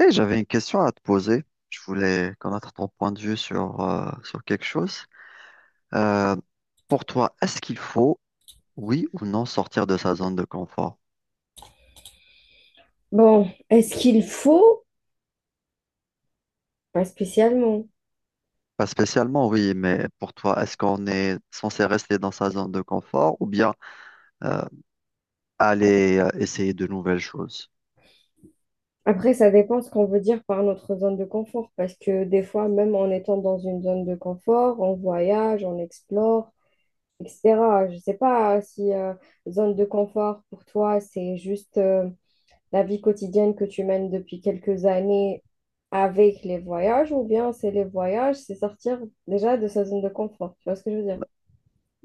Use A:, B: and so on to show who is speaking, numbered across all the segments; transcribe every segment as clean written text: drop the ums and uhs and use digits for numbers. A: Eh, j'avais une question à te poser. Je voulais connaître ton point de vue sur quelque chose. Euh, pour toi, est-ce qu'il faut, oui ou non, sortir de sa zone de confort?
B: Bon, est-ce qu'il faut? Pas spécialement.
A: Pas spécialement, oui, mais pour toi, est-ce qu'on est censé rester dans sa zone de confort ou bien euh, aller essayer de nouvelles choses.
B: Après, ça dépend ce qu'on veut dire par notre zone de confort, parce que des fois, même en étant dans une zone de confort, on voyage, on explore, etc. Je sais pas si zone de confort pour toi, c'est juste la vie quotidienne que tu mènes depuis quelques années avec les voyages, ou bien c'est les voyages, c'est sortir déjà de sa zone de confort. Tu vois ce que je veux dire?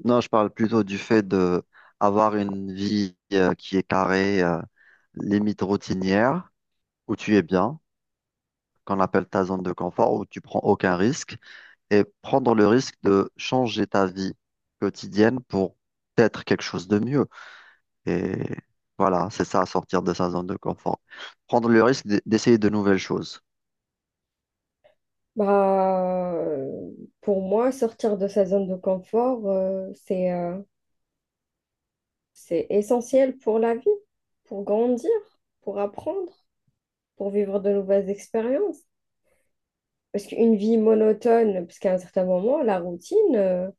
A: Non, je parle plutôt du fait de avoir une vie qui est carrée, limite routinière, où tu es bien, qu'on appelle ta zone de confort, où tu prends aucun risque. Et prendre le risque de changer ta vie quotidienne pour être quelque chose de mieux. Et voilà, c'est ça, sortir de sa zone de confort. Prendre le risque d'essayer de nouvelles choses.
B: Bah, pour moi, sortir de sa zone de confort, c'est essentiel pour la vie, pour grandir, pour apprendre, pour vivre de nouvelles expériences. Parce qu'une vie monotone, parce qu'à un certain moment, la routine,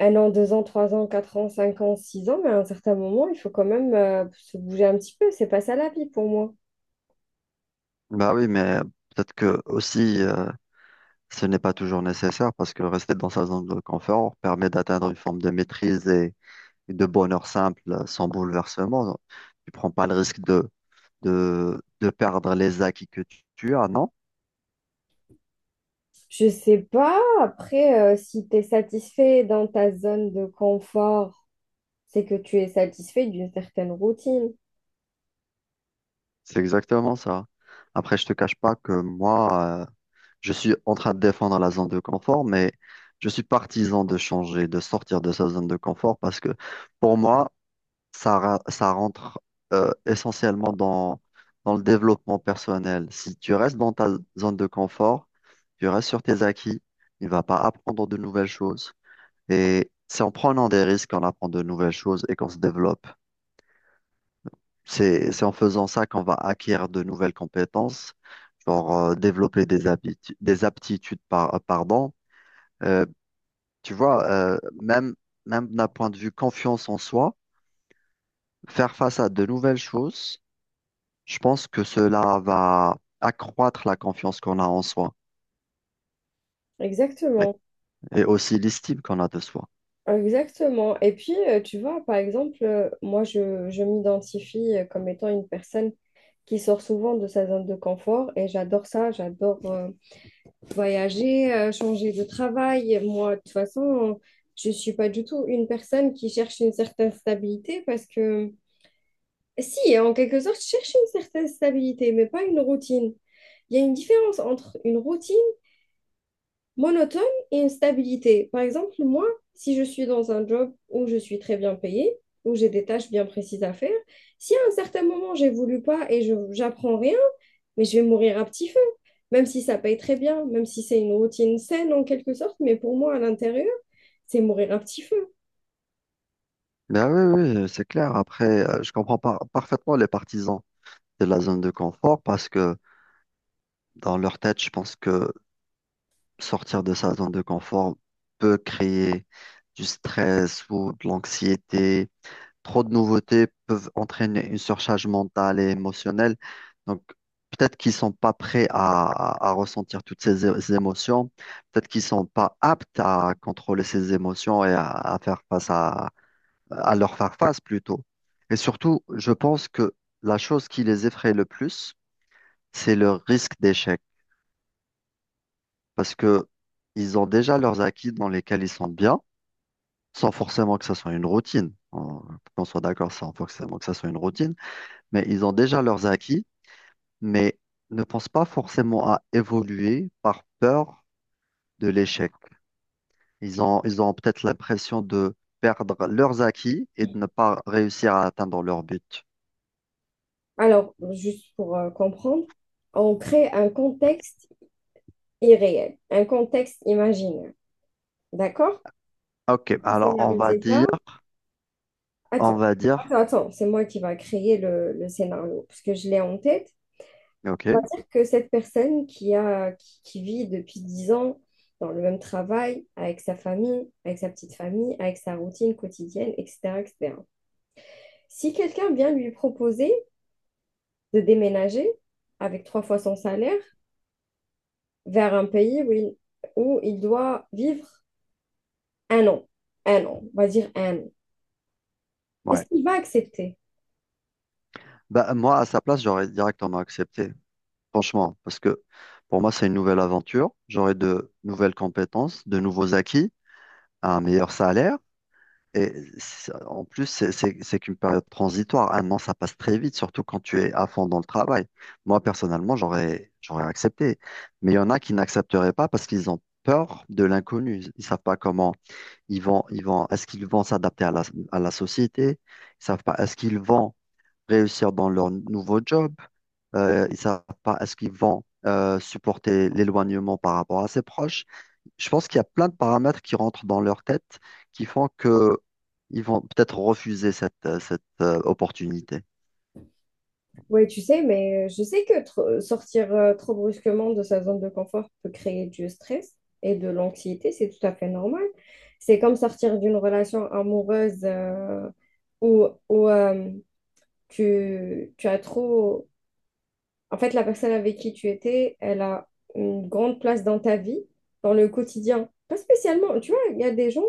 B: 1 an, 2 ans, 3 ans, 4 ans, 5 ans, 6 ans, mais à un certain moment, il faut quand même se bouger un petit peu. C'est pas ça la vie pour moi.
A: Bah oui, mais peut-être que aussi, ce n'est pas toujours nécessaire parce que rester dans sa zone de confort permet d'atteindre une forme de maîtrise et de bonheur simple sans bouleversement. Tu prends pas le risque de perdre les acquis que tu as, non?
B: Je sais pas, après, si tu es satisfait dans ta zone de confort, c'est que tu es satisfait d'une certaine routine.
A: C'est exactement ça. Après, je te cache pas que moi, je suis en train de défendre la zone de confort, mais je suis partisan de changer, de sortir de sa zone de confort parce que pour moi, ça, ça rentre essentiellement dans le développement personnel. Si tu restes dans ta zone de confort, tu restes sur tes acquis, tu ne vas pas apprendre de nouvelles choses. Et c'est en prenant des risques qu'on apprend de nouvelles choses et qu'on se développe. C'est en faisant ça qu'on va acquérir de nouvelles compétences, genre développer des aptitudes, pardon. Euh, Tu vois, même d'un point de vue confiance en soi, faire face à de nouvelles choses, je pense que cela va accroître la confiance qu'on a en soi.
B: Exactement,
A: Et aussi l'estime qu'on a de soi.
B: exactement. Et puis, tu vois, par exemple, moi, je m'identifie comme étant une personne qui sort souvent de sa zone de confort et j'adore ça, j'adore voyager, changer de travail. Moi, de toute façon, je suis pas du tout une personne qui cherche une certaine stabilité parce que, si, hein, en quelque sorte, je cherche une certaine stabilité, mais pas une routine. Il y a une différence entre une routine monotone et une stabilité. Par exemple, moi, si je suis dans un job où je suis très bien payée, où j'ai des tâches bien précises à faire, si à un certain moment j'évolue pas et je j'apprends rien, mais je vais mourir à petit feu, même si ça paye très bien, même si c'est une routine saine en quelque sorte, mais pour moi à l'intérieur, c'est mourir à petit feu.
A: Ben oui, oui, c'est clair. Après, je comprends parfaitement les partisans de la zone de confort parce que dans leur tête, je pense que sortir de sa zone de confort peut créer du stress ou de l'anxiété. Trop de nouveautés peuvent entraîner une surcharge mentale et émotionnelle. Donc, peut-être qu'ils sont pas prêts à ressentir toutes ces émotions. Peut-être qu'ils sont pas aptes à contrôler ces émotions et à faire face à leur faire face plutôt. Et surtout, je pense que la chose qui les effraie le plus, c'est le risque d'échec. Parce que ils ont déjà leurs acquis dans lesquels ils sont bien, sans forcément que ça soit une routine. Qu'on soit d'accord, sans forcément que ça soit une routine. Mais ils ont déjà leurs acquis, mais ne pensent pas forcément à évoluer par peur de l'échec. Ils ont peut-être l'impression de perdre leurs acquis et de ne pas réussir à atteindre leur but.
B: Alors, juste pour comprendre, on crée un contexte irréel, un contexte imaginaire. D'accord?
A: Ok,
B: On va
A: alors
B: scénariser ça.
A: on
B: Attends,
A: va dire,
B: attends, attends, c'est moi qui va créer le scénario, parce que je l'ai en tête. On va
A: ok,
B: dire que cette personne qui vit depuis 10 ans dans le même travail, avec sa famille, avec sa petite famille, avec sa routine quotidienne, etc., etc. Si quelqu'un vient lui proposer de déménager avec 3 fois son salaire vers un pays où il doit vivre 1 an, 1 an, on va dire 1 an. Est-ce
A: ouais.
B: qu'il va accepter?
A: Bah, moi, à sa place, j'aurais directement accepté, franchement, parce que pour moi, c'est une nouvelle aventure. J'aurais de nouvelles compétences, de nouveaux acquis, un meilleur salaire. Et en plus, c'est qu'une période transitoire. 1 an, ça passe très vite, surtout quand tu es à fond dans le travail. Moi, personnellement, j'aurais accepté. Mais il y en a qui n'accepteraient pas parce qu'ils ont peur de l'inconnu. Ils savent pas comment est-ce qu'ils vont s'adapter à la société? Ils savent pas, est-ce qu'ils vont réussir dans leur nouveau job? Ils savent pas, est-ce qu'ils vont supporter l'éloignement par rapport à ses proches? Je pense qu'il y a plein de paramètres qui rentrent dans leur tête qui font que ils vont peut-être refuser cette opportunité.
B: Oui, tu sais, mais je sais que sortir trop brusquement de sa zone de confort peut créer du stress et de l'anxiété, c'est tout à fait normal. C'est comme sortir d'une relation amoureuse où tu as trop. En fait, la personne avec qui tu étais, elle a une grande place dans ta vie, dans le quotidien. Pas spécialement, tu vois, il y a des gens,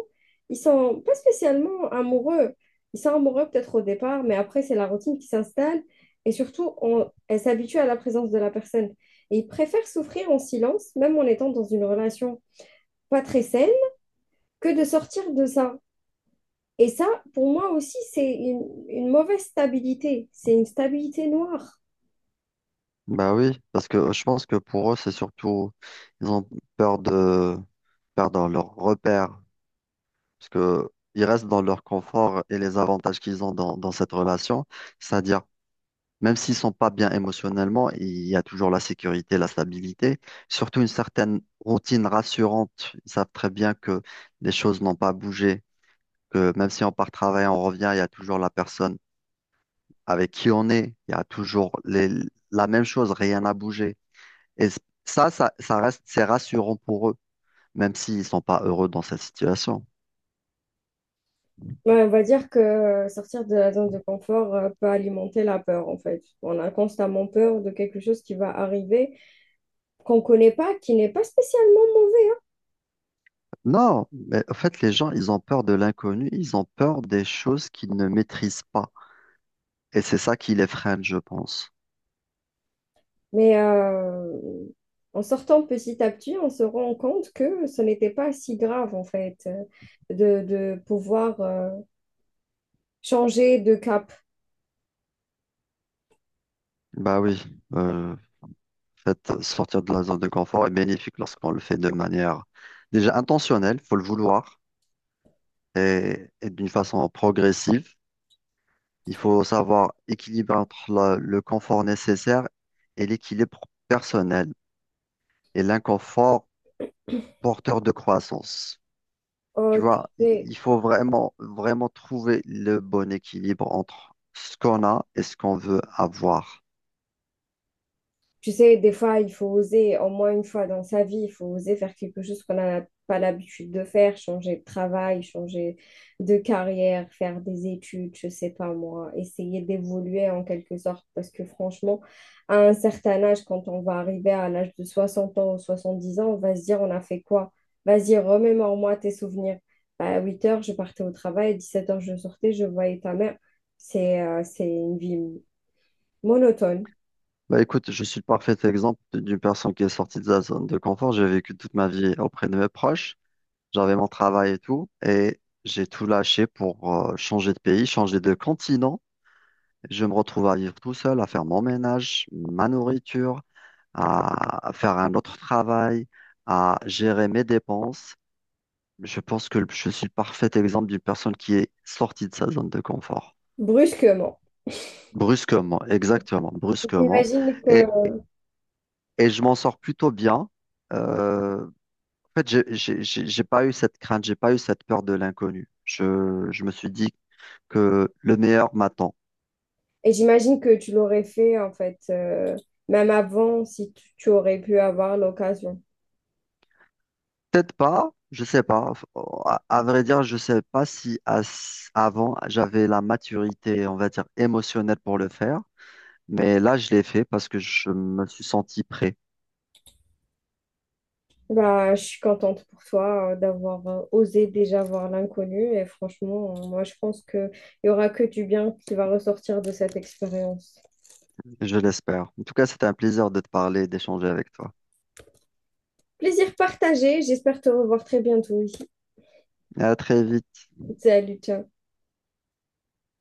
B: ils sont pas spécialement amoureux. Ils sont amoureux peut-être au départ, mais après, c'est la routine qui s'installe. Et surtout, elle s'habitue à la présence de la personne. Et ils préfèrent souffrir en silence, même en étant dans une relation pas très saine, que de sortir de ça. Et ça, pour moi aussi, c'est une mauvaise stabilité. C'est une stabilité noire.
A: Bah oui, parce que je pense que pour eux, c'est surtout, ils ont peur de perdre leur repère, parce que ils restent dans leur confort et les avantages qu'ils ont dans cette relation, c'est-à-dire même s'ils sont pas bien émotionnellement, il y a toujours la sécurité, la stabilité, surtout une certaine routine rassurante. Ils savent très bien que les choses n'ont pas bougé, que même si on part travailler, on revient, il y a toujours la personne avec qui on est, il y a toujours la même chose, rien n'a bougé. Et c- ça reste, c'est rassurant pour eux, même s'ils sont pas heureux dans cette situation.
B: Ouais, on va dire que sortir de la zone de confort peut alimenter la peur, en fait. On a constamment peur de quelque chose qui va arriver, qu'on ne connaît pas, qui n'est pas spécialement mauvais.
A: Non, mais en fait, les gens, ils ont peur de l'inconnu, ils ont peur des choses qu'ils ne maîtrisent pas. Et c'est ça qui les freine, je pense.
B: Mais en sortant petit à petit, on se rend compte que ce n'était pas si grave, en fait, de pouvoir changer de cap.
A: Bah oui, en fait, sortir de la zone de confort est bénéfique lorsqu'on le fait de manière déjà intentionnelle, faut le vouloir, et d'une façon progressive. Il faut savoir équilibrer entre le confort nécessaire et l'équilibre personnel et l'inconfort porteur de croissance. Tu
B: Oh, tu
A: vois,
B: sais.
A: il faut vraiment trouver le bon équilibre entre ce qu'on a et ce qu'on veut avoir.
B: Tu sais, des fois, il faut oser, au moins une fois dans sa vie, il faut oser faire quelque chose qu'on n'a pas l'habitude de faire, changer de travail, changer de carrière, faire des études, je sais pas moi, essayer d'évoluer en quelque sorte. Parce que franchement, à un certain âge, quand on va arriver à l'âge de 60 ans ou 70 ans, on va se dire, on a fait quoi? Vas-y, remémore-moi tes souvenirs. Bah, à 8h, je partais au travail, à 7h, je sortais, je voyais ta mère. C'est une vie monotone,
A: Bah écoute, je suis le parfait exemple d'une personne qui est sortie de sa zone de confort. J'ai vécu toute ma vie auprès de mes proches. J'avais mon travail et tout, et j'ai tout lâché pour changer de pays, changer de continent. Je me retrouve à vivre tout seul, à faire mon ménage, ma nourriture, à faire un autre travail, à gérer mes dépenses. Je pense que je suis le parfait exemple d'une personne qui est sortie de sa zone de confort.
B: brusquement.
A: Brusquement, exactement, brusquement.
B: J'imagine
A: Et,
B: que,
A: et je m'en sors plutôt bien. Euh, En fait, j'ai pas eu cette crainte, j'ai pas eu cette peur de l'inconnu. Je me suis dit que le meilleur m'attend.
B: et j'imagine que tu l'aurais fait en fait, même avant, si tu aurais pu avoir l'occasion.
A: Peut-être pas, je sais pas. À vrai dire, je sais pas si avant j'avais la maturité, on va dire, émotionnelle pour le faire. Mais là, je l'ai fait parce que je me suis senti prêt.
B: Bah, je suis contente pour toi d'avoir osé déjà voir l'inconnu et franchement, moi je pense qu'il y aura que du bien qui va ressortir de cette expérience.
A: Je l'espère. En tout cas, c'était un plaisir de te parler, d'échanger avec toi.
B: Plaisir partagé, j'espère te revoir très bientôt ici.
A: À très vite.
B: Salut, ciao.